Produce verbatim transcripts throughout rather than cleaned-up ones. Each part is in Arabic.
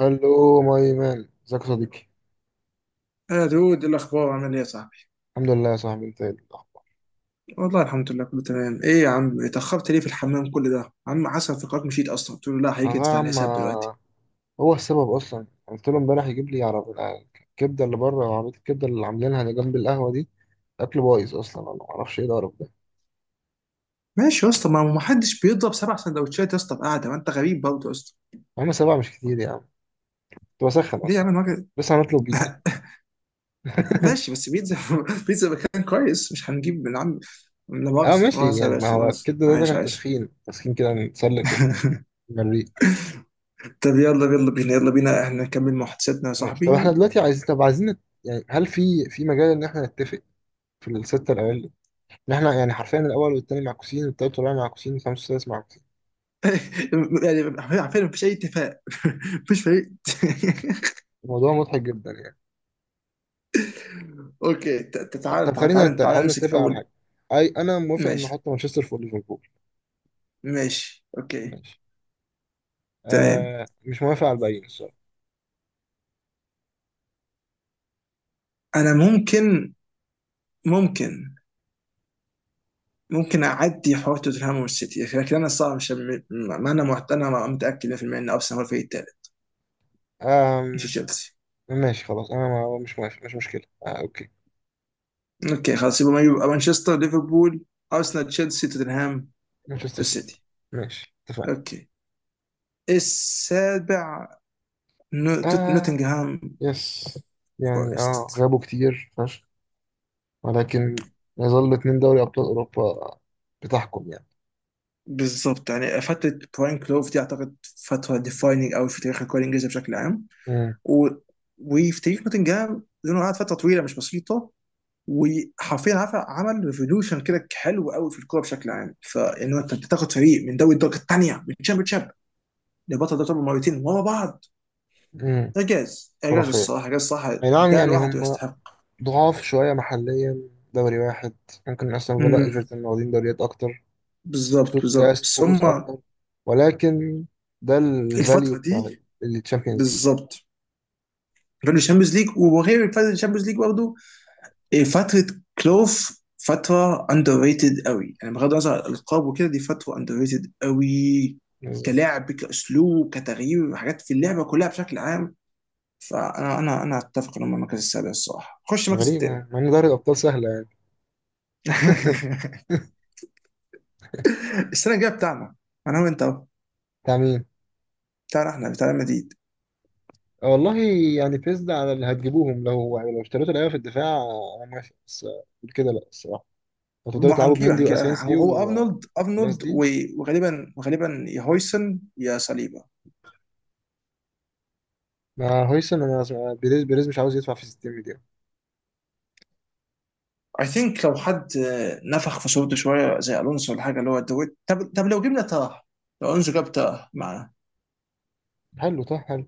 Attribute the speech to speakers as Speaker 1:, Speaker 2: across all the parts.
Speaker 1: الو ماي مان، ازيك يا صديقي.
Speaker 2: يا دود إيه الأخبار عامل إيه يا صاحبي؟
Speaker 1: الحمد لله يا صاحبي، انت ايه الاخبار؟
Speaker 2: والله الحمد لله كله تمام، إيه يا عم اتأخرت ليه في الحمام كل ده؟ عم حسن في قرارك مشيت أصلا، قلت له لا
Speaker 1: انا
Speaker 2: حقيقي
Speaker 1: يا
Speaker 2: ادفع
Speaker 1: عم
Speaker 2: الحساب دلوقتي.
Speaker 1: هو السبب اصلا قلت له امبارح يجيب لي عربية الكبده اللي بره، عربيه الكبده اللي عاملينها اللي جنب القهوه دي. اكل بايظ اصلا، انا ما اعرفش ايه القرف ده.
Speaker 2: ماشي يا اسطى ما ما حدش بيضرب سبع سندوتشات يا اسطى بقعدة، ما أنت غريب برضه يا اسطى.
Speaker 1: يا عم سبعه مش كتير يا عم، كنت بسخن
Speaker 2: ليه يا
Speaker 1: اصلا.
Speaker 2: عم الوجه؟
Speaker 1: لسه هنطلب بيتزا.
Speaker 2: ماشي بس بيتزا. بيتزا مكان كويس مش هنجيب من عم. لا
Speaker 1: اه
Speaker 2: مؤاخذة لا
Speaker 1: ماشي
Speaker 2: مؤاخذة يا
Speaker 1: يعني، ما
Speaker 2: باشا لا
Speaker 1: هو
Speaker 2: مؤاخذة
Speaker 1: الكبده ده، ده
Speaker 2: عايش
Speaker 1: كان
Speaker 2: عايش.
Speaker 1: تسخين تسخين كده نتسلك المريء.
Speaker 2: طب يلا يلا بينا يلا بينا احنا نكمل محادثتنا يا
Speaker 1: ماشي، طب احنا
Speaker 2: صاحبي.
Speaker 1: دلوقتي عايزين، طب عايزين نت- يعني هل في في مجال ان احنا نتفق في السته الاوائل، إن احنا يعني حرفيا الاول والتاني معكوسين، والتالت والرابع معكوسين، والخامس والسادس معكوسين.
Speaker 2: يعني عارفين مفيش اي اتفاق. مفيش فريق.
Speaker 1: الموضوع مضحك جدا يعني.
Speaker 2: اوكي ت- ت- تعال
Speaker 1: طب
Speaker 2: تعال
Speaker 1: خلينا
Speaker 2: تعال
Speaker 1: نت...
Speaker 2: تعال
Speaker 1: حاول
Speaker 2: نمسك
Speaker 1: نتفق على
Speaker 2: اول.
Speaker 1: حاجه. اي انا موافق ان
Speaker 2: ماشي
Speaker 1: احط مانشستر فوق ليفربول.
Speaker 2: ماشي اوكي.
Speaker 1: ماشي.
Speaker 2: تمام
Speaker 1: آه مش موافق على الباقيين الصراحه.
Speaker 2: انا ممكن ممكن ممكن اعدي حوار توتنهام والسيتي لكن انا الصراحه مش م- ما انا محت... انا ما- متاكد مية في المية ان ارسنال هو الفريق الثالث
Speaker 1: آه
Speaker 2: مش تشيلسي.
Speaker 1: ماشي خلاص، انا ما... مش موافق، مش مشكله. آه اوكي.
Speaker 2: اوكي خلاص يبقى يبقى مانشستر ليفربول ارسنال تشيلسي توتنهام
Speaker 1: مانشستر سيتي.
Speaker 2: السيتي.
Speaker 1: ماشي اتفقنا.
Speaker 2: اوكي السابع نو- توت-
Speaker 1: آه
Speaker 2: نوتنغهام
Speaker 1: يس. يعني اه
Speaker 2: فورست.
Speaker 1: غابوا كتير فشخ، ولكن يظل اتنين دوري ابطال اوروبا بتحكم يعني.
Speaker 2: بالظبط يعني فترة براين كلوف دي اعتقد فترة ديفايننج قوي في تاريخ الكورة الانجليزية بشكل عام.
Speaker 1: امم.
Speaker 2: و... وفي تاريخ نوتنجهام لانه قعد فتره طويله مش بسيطه وحرفيا عارف عمل ريفولوشن كده حلو قوي في الكوره بشكل عام، فانه انت تاخد فريق من دوري الدرجه الثانيه من تشامبيون شيب لبطل دوري الابطال مرتين ورا بعض.
Speaker 1: امم.
Speaker 2: اعجاز اعجاز
Speaker 1: خرافيه.
Speaker 2: الصراحه اعجاز الصراحه
Speaker 1: اي نعم،
Speaker 2: ده
Speaker 1: يعني
Speaker 2: لوحده
Speaker 1: هم
Speaker 2: يستحق.
Speaker 1: ضعاف شوية محليا، دوري واحد. ممكن أستون فيلا
Speaker 2: امم
Speaker 1: إيفرتون واخدين دوريات أكتر،
Speaker 2: بالظبط
Speaker 1: كسوة
Speaker 2: بالظبط
Speaker 1: كاس،
Speaker 2: بس هم
Speaker 1: كؤوس أكتر. ولكن ده الفاليو
Speaker 2: الفتره
Speaker 1: بتاع
Speaker 2: دي
Speaker 1: الشامبيونز ليج.
Speaker 2: بالظبط. كانوا الشامبيونز ليج، وغير الفتره الشامبيونز ليج برضه، إيه فترة كلوف فترة اندر ريتد قوي، يعني بغض النظر عن الالقاب وكده دي فترة اندر ريتد قوي، كلعب كاسلوب كتغيير حاجات في اللعبة كلها بشكل عام. فانا انا انا اتفق انه المركز السابع الصراحة خش المركز الثامن.
Speaker 1: غريبة، مع إن دوري الأبطال سهلة يعني.
Speaker 2: السنة الجاية بتاعنا انا وانت أهو.
Speaker 1: بتاع مين؟
Speaker 2: بتاعنا احنا بتاع ريال مدريد.
Speaker 1: آه والله. يعني بيس ده على اللي هتجيبوهم، لو يعني لو اشتريتوا لعيبة في الدفاع آه، أنا ماشي، بس آه، غير كده لأ الصراحة. لو تقدروا تلعبوا
Speaker 2: وهنجيب
Speaker 1: بمندي
Speaker 2: هنجيب هو
Speaker 1: وأسينسيو
Speaker 2: هو ارنولد
Speaker 1: والناس
Speaker 2: ارنولد
Speaker 1: دي.
Speaker 2: و- وغالبا وغالبا يا هويسن يا صليبا.
Speaker 1: ما هويسن أنا سمع- بيريز بيريز مش عاوز يدفع في ستين مليون.
Speaker 2: اي ثينك لو حد آه، نفخ في صورته شويه زي الونسو ولا حاجه اللي هو دويت. طب طب لو جبنا تراه، لو الونسو جاب تراه معاه،
Speaker 1: حلو طه، حلو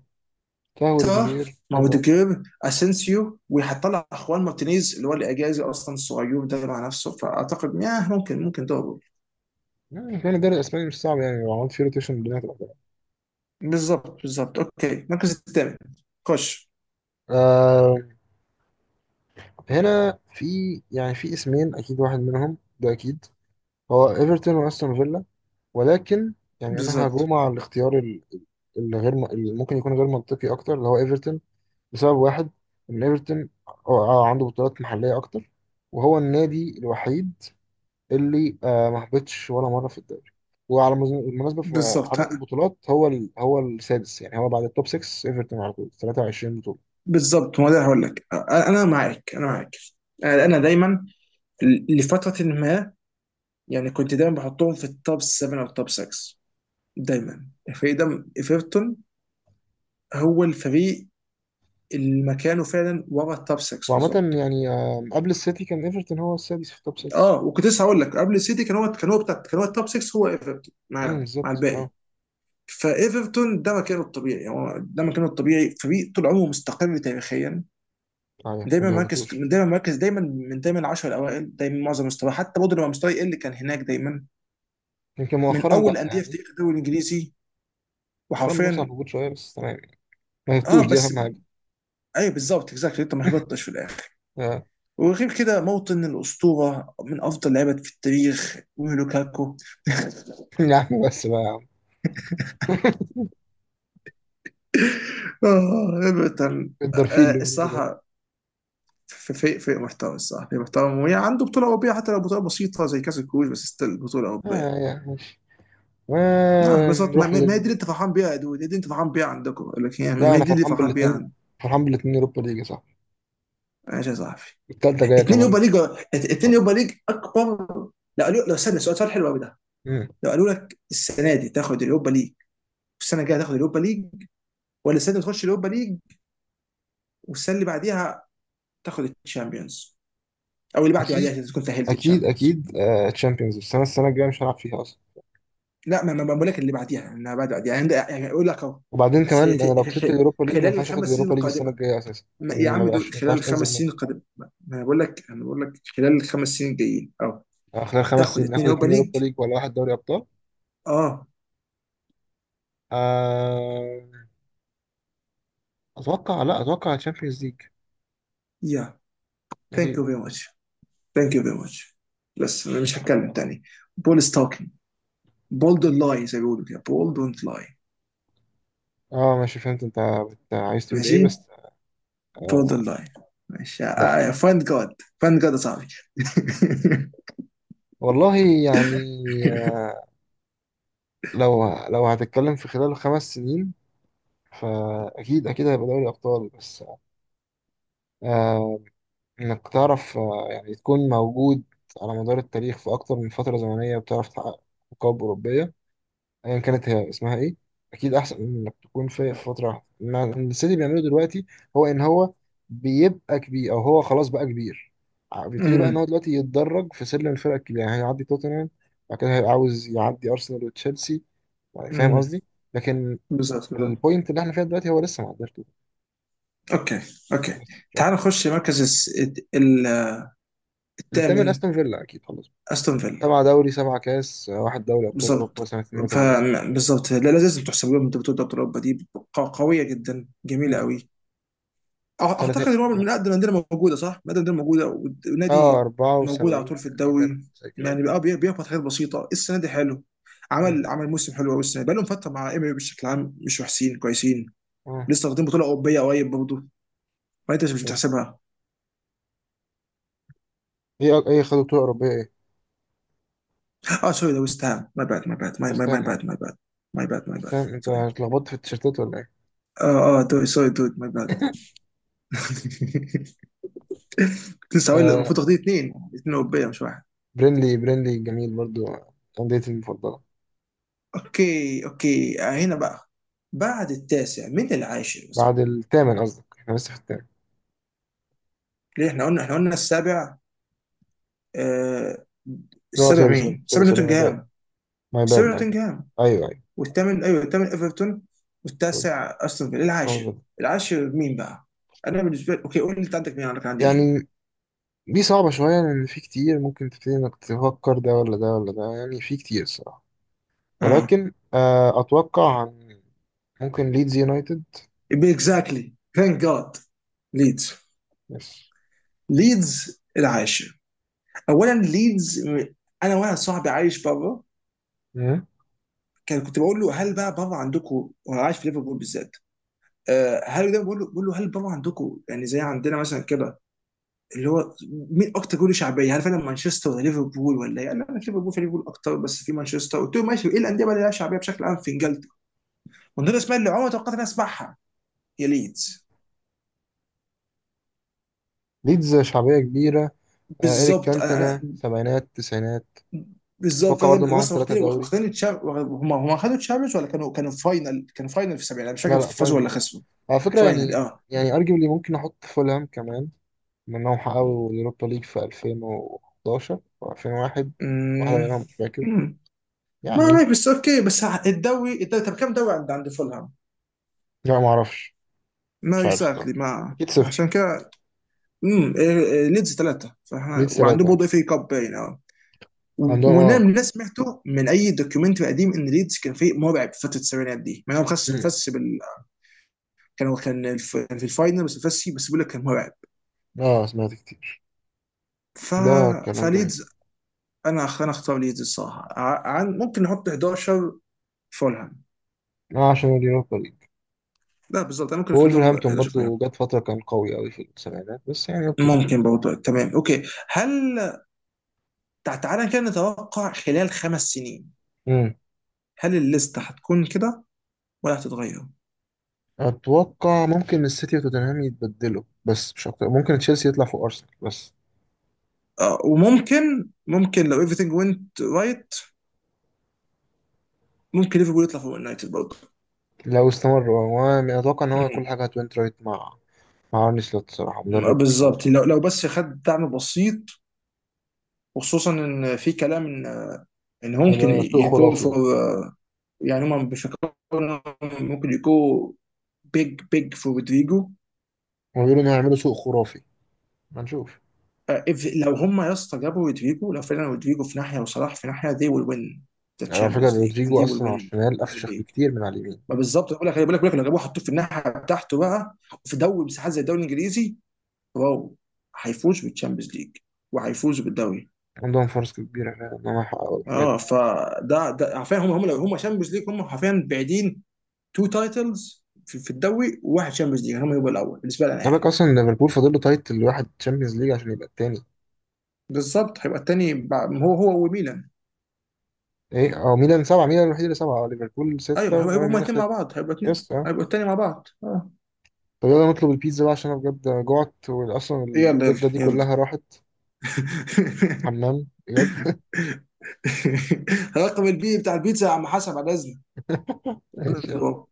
Speaker 1: طه
Speaker 2: تراه
Speaker 1: وروديجير
Speaker 2: مع
Speaker 1: حلو.
Speaker 2: اوديجير اسينسيو، وهتطلع اخوان مارتينيز اللي هو الاجازي اصلا الصغير ده مع نفسه، فاعتقد ياه ممكن ممكن دوري.
Speaker 1: يعني كان الدوري الاسباني مش صعب يعني، لو عملت فيه روتيشن الدنيا هتبقى تمام.
Speaker 2: بالظبط بالظبط اوكي المركز الثامن خش.
Speaker 1: آه هنا في يعني في اسمين اكيد، واحد منهم ده اكيد هو ايفرتون واستون فيلا. ولكن يعني انا
Speaker 2: بالظبط
Speaker 1: هجوم على الاختيار ال- اللي غير م- اللي ممكن يكون غير منطقي اكتر، اللي هو ايفرتون. لسبب واحد، ان ايفرتون آه، عنده بطولات محليه اكتر، وهو النادي الوحيد اللي آه ما هبطش ولا مره في الدوري. وعلى مز- بالمناسبه في
Speaker 2: بالظبط
Speaker 1: عدد
Speaker 2: ها.
Speaker 1: البطولات هو ال... هو السادس، يعني هو بعد التوب ستة. ايفرتون على طول ثلاثة وعشرين.
Speaker 2: بالظبط ما ده هقول لك انا أنا معاك انا معاك. انا أنا دايما ل- لفتره ما يعني كنت دايما بحطهم في التوب سبعة او التوب ستة، دايما الفريق ده ايفرتون هو الفريق اللي مكانه فعلا ورا التوب ستة
Speaker 1: وعامة
Speaker 2: بالظبط.
Speaker 1: يعني آم، قبل السيتي كان ايفرتون هو السادس في التوب ستة.
Speaker 2: اه وكنت لسه هقول لك قبل السيتي كان هو كان هو بتاع كان هو التوب ستة، هو ايفرتون
Speaker 1: امم
Speaker 2: معاهم مع
Speaker 1: بالظبط اه.
Speaker 2: الباقي. فايفرتون ده مكانه الطبيعي، يعني هو ده مكانه الطبيعي، فريق طول عمره مستقر تاريخيا.
Speaker 1: يعني ما
Speaker 2: دايما مركز
Speaker 1: بيهبطوش.
Speaker 2: دايما مركز دايما من دايما العشر الاوائل دايما، معظم مستواه حتى برضه لما مستواه يقل كان هناك دايما.
Speaker 1: يمكن
Speaker 2: من
Speaker 1: مؤخرا
Speaker 2: اول
Speaker 1: لا
Speaker 2: الانديه في
Speaker 1: يعني.
Speaker 2: تاريخ الدوري الانجليزي
Speaker 1: مؤخرا بنفس على
Speaker 2: وحرفيا.
Speaker 1: الهبوط شوية، بس تمام يعني. ما
Speaker 2: اه
Speaker 1: يهبطوش دي
Speaker 2: بس
Speaker 1: أهم حاجة.
Speaker 2: ايوه بالظبط اكزاكتلي انت ما هبطتش في الاخر.
Speaker 1: آه.
Speaker 2: وغير كده موطن الأسطورة من أفضل لعيبة في التاريخ ولوكاكو.
Speaker 1: يا عم بس بقى يا عم،
Speaker 2: آه إيفرتون
Speaker 1: الدرفيل اللي
Speaker 2: آه
Speaker 1: بنقوله ده.
Speaker 2: الصراحة في في في محتوى الصراحة في محتوى، وهي عنده بطولة أوروبية حتى لو بطولة بسيطة زي كأس الكؤوس بس ستيل بطولة
Speaker 1: اه
Speaker 2: أوروبية.
Speaker 1: يعني ماشي.
Speaker 2: نعم بالظبط ما,
Speaker 1: ونروح
Speaker 2: ما ما دي اللي
Speaker 1: لل.
Speaker 2: أنت فرحان بيها يا دود، دي اللي أنت فرحان بيها عندكم، لكن يعني
Speaker 1: لا
Speaker 2: ما
Speaker 1: أنا
Speaker 2: دي اللي
Speaker 1: فرحان
Speaker 2: فرحان بيها
Speaker 1: بالاتنين،
Speaker 2: عندي.
Speaker 1: فرحان بالاتنين يوروبا ليج يا صاحبي.
Speaker 2: ماشي يا صاحبي.
Speaker 1: التالتة جاية
Speaker 2: اتنين يوبا
Speaker 1: كمان
Speaker 2: ليج، اتنين
Speaker 1: شوية.
Speaker 2: يوبا ليج أكبر. لو قالوا لو استنى سؤال سؤال حلو قوي ده.
Speaker 1: امم.
Speaker 2: لو قالوا لك السنة دي تاخد اليوبا ليج والسنة الجاية تاخد اليوبا ليج، ولا السنة دي تخش اليوبا ليج والسنه اللي بعديها تاخد الشامبيونز، او اللي بعد بعديها
Speaker 1: أكيد
Speaker 2: عشان تكون سهلت
Speaker 1: أكيد
Speaker 2: الشامبيونز.
Speaker 1: أكيد آه، تشامبيونز السنة السنة الجاية مش هلعب فيها.
Speaker 2: لا ما ما ما بقول لك اللي بعديها انها بعد بعديها يعني يعني اقول لك اهو.
Speaker 1: وبعدين كمان انا لو
Speaker 2: سيت-
Speaker 1: كسبت
Speaker 2: خ-
Speaker 1: اليوروبا ليج ما
Speaker 2: خلال
Speaker 1: ينفعش اخد
Speaker 2: الخمس سنين
Speaker 1: اليوروبا ليج السنه
Speaker 2: القادمه،
Speaker 1: الجايه اساسا.
Speaker 2: ما- يا
Speaker 1: ما
Speaker 2: عم دود
Speaker 1: بقاش ما
Speaker 2: خلال
Speaker 1: ينفعش
Speaker 2: الخمس
Speaker 1: تنزل منه.
Speaker 2: سنين القادمه، ما ما انا بقول لك انا بقول لك خلال الخمس سنين الجايين اه
Speaker 1: آه، خلال خمس
Speaker 2: تاخد
Speaker 1: سنين
Speaker 2: اثنين
Speaker 1: اخد
Speaker 2: يوروبا
Speaker 1: اتنين
Speaker 2: ليج
Speaker 1: يوروبا ليج ولا واحد دوري ابطال؟
Speaker 2: اه.
Speaker 1: آه، اتوقع لا، اتوقع تشامبيونز ليج
Speaker 2: يا ثانك
Speaker 1: اكيد.
Speaker 2: يو فيري ماتش ثانك يو فيري ماتش، بس انا مش هتكلم تاني. بول ستوكينج، بولد لاي زي ما بيقولوا كده بول دونت لاي.
Speaker 1: اه ماشي فهمت انت، بت- عايز تقول ايه
Speaker 2: ماشي
Speaker 1: بس.
Speaker 2: بوردر
Speaker 1: آه.
Speaker 2: لاين. ماشي
Speaker 1: لا لا.
Speaker 2: فاند جاد، فاند جاد يا صاحبي.
Speaker 1: والله، يعني آه، لو لو هتتكلم في خلال خمس سنين، فاكيد اكيد هيبقى دوري ابطال بس. آه، انك تعرف آه، يعني تكون موجود على مدار التاريخ في اكتر من فترة زمنية، وبتعرف تحقق ألقاب أوروبية أيا كانت هي اسمها إيه، أكيد أحسن من إنك تكون في في فترة واحدة. إنما السيتي اللي بيعمله دلوقتي هو إن هو بيبقى كبير، أو هو خلاص بقى كبير. ع- بيبتدي بقى إن هو
Speaker 2: أمم،
Speaker 1: دلوقتي يتدرج في سلم الفرق الكبيرة، يعني هيعدي توتنهام، بعد كده هيبقى عاوز يعدي أرسنال وتشيلسي. يعني فاهم
Speaker 2: أمم،
Speaker 1: قصدي؟ لكن
Speaker 2: بالظبط بالظبط.
Speaker 1: البوينت اللي إحنا فيها دلوقتي هو لسه ما عداش توتنهام
Speaker 2: اوكي
Speaker 1: بس،
Speaker 2: اوكي
Speaker 1: مش أكتر.
Speaker 2: تعال نخش مركز الس- ال-
Speaker 1: التامن
Speaker 2: الثامن
Speaker 1: أستون فيلا أكيد خلاص،
Speaker 2: استون فيلا.
Speaker 1: سبعة دوري، سبعة كاس، واحد دوري أبطال
Speaker 2: بالظبط
Speaker 1: أوروبا سنة
Speaker 2: ف
Speaker 1: اثنين وثمانين.
Speaker 2: بالظبط لا لا، لازم تحسب لهم انت بتقول دوري اوروبا دي ق- قويه جدا جميله
Speaker 1: مم.
Speaker 2: قوي. أع-
Speaker 1: كانت هي
Speaker 2: اعتقد ان هو من اقدم الانديه موجوده صح؟ من اقدم الانديه موجوده والد-
Speaker 1: اه
Speaker 2: والنادي موجود على
Speaker 1: اربعة وسبعين
Speaker 2: طول في
Speaker 1: تقريبا
Speaker 2: الدوري،
Speaker 1: زي كده.
Speaker 2: يعني بقى بي- بيخبط حاجات بسيطه السنه دي حلو.
Speaker 1: مم.
Speaker 2: عمل عمل موسم حلو قوي السنه دي. بقى لهم فتره مع ام بشكل عام مش وحشين كويسين.
Speaker 1: اه
Speaker 2: لسه واخدين بطوله اوروبيه قريب برضه، فانت مش
Speaker 1: بس،
Speaker 2: بتحسبها.
Speaker 1: ايه أك- ايه خدوا بطولة أوروبية ايه؟
Speaker 2: اه سوري ده ويست هام، ماي باد ماي باد ماي
Speaker 1: بس
Speaker 2: ماي ماي
Speaker 1: تمام اه.
Speaker 2: باد ماي باد ماي باد ماي
Speaker 1: بس
Speaker 2: باد
Speaker 1: تمام، انت
Speaker 2: سوري.
Speaker 1: اتلخبطت في التيشيرتات ولا ايه؟
Speaker 2: اه اه دوري سوري دود ماي باد. كنت لسه هقول
Speaker 1: آه.
Speaker 2: المفروض واخدين اثنين اثنين اوروبيه مش واحد.
Speaker 1: برينلي برينلي جميل برضو، أنديتي المفضلة.
Speaker 2: اوكي اوكي آه، هنا بقى بعد التاسع من العاشر.
Speaker 1: بعد الثامن قصدك؟ احنا لسه في الثامن.
Speaker 2: ليه احنا قلنا احنا قلنا السابع آه.
Speaker 1: لا
Speaker 2: السابع
Speaker 1: سوري سوري
Speaker 2: مين؟
Speaker 1: سوري
Speaker 2: السابع
Speaker 1: سوري ماي باد
Speaker 2: نوتنجهام.
Speaker 1: ماي باد
Speaker 2: السابع
Speaker 1: ماي باد.
Speaker 2: نوتنجهام
Speaker 1: ايوه ايوه.
Speaker 2: والثامن ايوه الثامن ايفرتون والتاسع استون فيلا العاشر.
Speaker 1: أوه.
Speaker 2: العاشر مين بقى؟ انا بالنسبه لي اوكي، قول لي انت عندك مين، انا كان عندي مين؟
Speaker 1: يعني دي صعبة شوية، لأن في كتير ممكن تبتدي إنك تفكر ده ولا ده ولا ده، يعني في كتير الصراحة.
Speaker 2: اه
Speaker 1: ولكن آه، أتوقع عن- ممكن ليدز يونايتد
Speaker 2: اكزاكتلي ثانك جاد ليدز.
Speaker 1: بس.
Speaker 2: ليدز العاشر. اولا ليدز م- انا واحد صاحبي عايش بره،
Speaker 1: مم.
Speaker 2: كان كنت بقول له هل بقى بره عندكم، هو عايش في ليفربول بالذات، آه، هل ده بقول له بقول له هل بره عندكم يعني زي عندنا مثلا كده، اللي هو مين اكتر جول شعبيه؟ هل فعلا مانشستر ولا ليفربول ولا ايه؟ قال لا انا في ليفربول، في ليفربول اكتر بس في مانشستر. قلت له ماشي ايه الانديه بقى اللي لها شعبيه بشكل عام في انجلترا؟ ومن ضمن الاسماء اللي عمري ما توقعت اني اسمعها يا ليدز.
Speaker 1: ليدز شعبية كبيرة. آه، إيريك
Speaker 2: بالظبط انا
Speaker 1: كانتنا
Speaker 2: أنا-
Speaker 1: سبعينات تسعينات.
Speaker 2: بالظبط
Speaker 1: أتوقع برضه
Speaker 2: فاهم
Speaker 1: معاهم
Speaker 2: بص
Speaker 1: ثلاثة
Speaker 2: واخدين
Speaker 1: دوري.
Speaker 2: واخدين تشام- هم هم خدوا تشامبيونز ولا كانوا كانوا فاينل كانوا فاينل في السبعينات مش
Speaker 1: لا
Speaker 2: فاكر
Speaker 1: لا
Speaker 2: فازوا
Speaker 1: فاينل
Speaker 2: ولا
Speaker 1: بس،
Speaker 2: خسروا.
Speaker 1: على فكرة
Speaker 2: فاينل
Speaker 1: يعني.
Speaker 2: اه.
Speaker 1: يعني أرجبلي ممكن أحط فولهام كمان، منهم حققوا اليوروبا ليج في ألفين وحداشر أو ألفين وواحد، واحدة
Speaker 2: أمم.
Speaker 1: منهم مش فاكر.
Speaker 2: أمم. ما
Speaker 1: يعني
Speaker 2: عليك بس اوكي بس الدوري الدوري طب كم دوري عند عند فولهام؟
Speaker 1: لا معرفش،
Speaker 2: ما
Speaker 1: مش عارف
Speaker 2: اكزاكتلي
Speaker 1: الصراحة،
Speaker 2: ما
Speaker 1: أكيد صفر.
Speaker 2: عشان كده. امم آه، آه، ليدز ثلاثه فاحنا
Speaker 1: ليدز
Speaker 2: وعندهم
Speaker 1: ثلاثة.
Speaker 2: برضه اف اي كاب باين اه. و-
Speaker 1: عندهم
Speaker 2: وانا
Speaker 1: آه.
Speaker 2: من اللي سمعته من اي دوكيومنتري قديم ان ليدز كان فريق مرعب في فتره السبعينات دي مع انهم خسوا
Speaker 1: مم.
Speaker 2: مفس بال... كانوا كان الف... كان في الفاينل بس مفسي، بس بيقول لك كان مرعب.
Speaker 1: آه سمعت كتير
Speaker 2: ف...
Speaker 1: ده. كلام جميل.
Speaker 2: فليدز انا أخ- انا اختار ليدز الصراحه ع- عن... ممكن نحط حداشر فولهام.
Speaker 1: آه عشان اليوروبا ليج.
Speaker 2: لا بالظبط انا ممكن اخليهم
Speaker 1: وولفرهامبتون
Speaker 2: حداشر فولهام
Speaker 1: برضو جت فترة كان قوي أوي في السبعينات، بس يعني أوكي.
Speaker 2: ممكن برضه تمام اوكي. هل تع- تعالى كده نتوقع خلال خمس سنين،
Speaker 1: مم.
Speaker 2: هل الليسته هتكون كده ولا هتتغير؟
Speaker 1: أتوقع ممكن السيتي وتوتنهام يتبدلوا، بس مش أكتر، ممكن تشيلسي يطلع فوق أرسنال بس.
Speaker 2: آه وممكن ممكن لو everything went right ممكن ليفربول يطلع فوق يونايتد برضه.
Speaker 1: لو استمر هو، أنا أتوقع إن هو كل
Speaker 2: أمم.
Speaker 1: حاجة هتوينت رايت مع مع أرني سلوت، صراحة
Speaker 2: آه،
Speaker 1: مدرب محترم
Speaker 2: بالظبط
Speaker 1: أوي.
Speaker 2: لو لو بس خد دعم بسيط، وخصوصا ان في كلام ان ان هو ممكن
Speaker 1: هيبقى سوق
Speaker 2: يجو
Speaker 1: خرافي
Speaker 2: فور،
Speaker 1: وبتاع.
Speaker 2: يعني هم بيفكروا إنهم ممكن يجو بيج بيج فور رودريجو.
Speaker 1: هما بيقولوا إن هيعملوا سوق خرافي، ما نشوف.
Speaker 2: آه، if- لو هم يا اسطى جابوا رودريجو، لو فعلا رودريجو في ناحيه وصلاح في ناحيه they will win the
Speaker 1: يعني على فكرة
Speaker 2: Champions League and
Speaker 1: رودريجو
Speaker 2: they will
Speaker 1: أصلا على
Speaker 2: win
Speaker 1: الشمال
Speaker 2: the Premier
Speaker 1: أفشخ
Speaker 2: League.
Speaker 1: بكتير من على اليمين.
Speaker 2: ما بالظبط بقول لك بقول لك بقول لك لو جابوه حطوه في الناحيه بتاعته بقى، في دوري مساحات زي الدوري الانجليزي، واو، هيفوز بالتشامبيونز ليج وهيفوز بالدوري.
Speaker 1: عندهم فرص كبيرة فعلا إن هم يحققوا الحاجات
Speaker 2: اه
Speaker 1: دي.
Speaker 2: فده ده عارفين هم هم لو هم تشامبيونز ليج هم حرفيا بعيدين تو تايتلز في, في الدوري وواحد تشامبيونز ليج هم يبقوا الاول بالنسبه لنا
Speaker 1: خلي بالك
Speaker 2: يعني.
Speaker 1: أصلا ليفربول فاضل له تايتل واحد تشامبيونز ليج عشان يبقى التاني.
Speaker 2: بالظبط هيبقى الثاني بع- هو هو وميلان.
Speaker 1: ايه اه ميلان سبعة، ميلان الوحيد اللي سبعة اه. ليفربول
Speaker 2: ايوه
Speaker 1: ستة
Speaker 2: ما هيبقى هيبقى
Speaker 1: وبايرن
Speaker 2: هما
Speaker 1: ميونخ
Speaker 2: الاثنين مع
Speaker 1: ستة.
Speaker 2: بعض هيبقى اتنين.
Speaker 1: يس اه.
Speaker 2: هيبقوا الثاني مع بعض اه.
Speaker 1: طب يلا نطلب البيتزا بقى، عشان انا بجد جوعت، واصلا
Speaker 2: يلا
Speaker 1: الكبدة
Speaker 2: يلا
Speaker 1: دي
Speaker 2: يلا.
Speaker 1: كلها راحت حمام بجد.
Speaker 2: رقم البي بتاع البيتزا يا عم حسب على لازم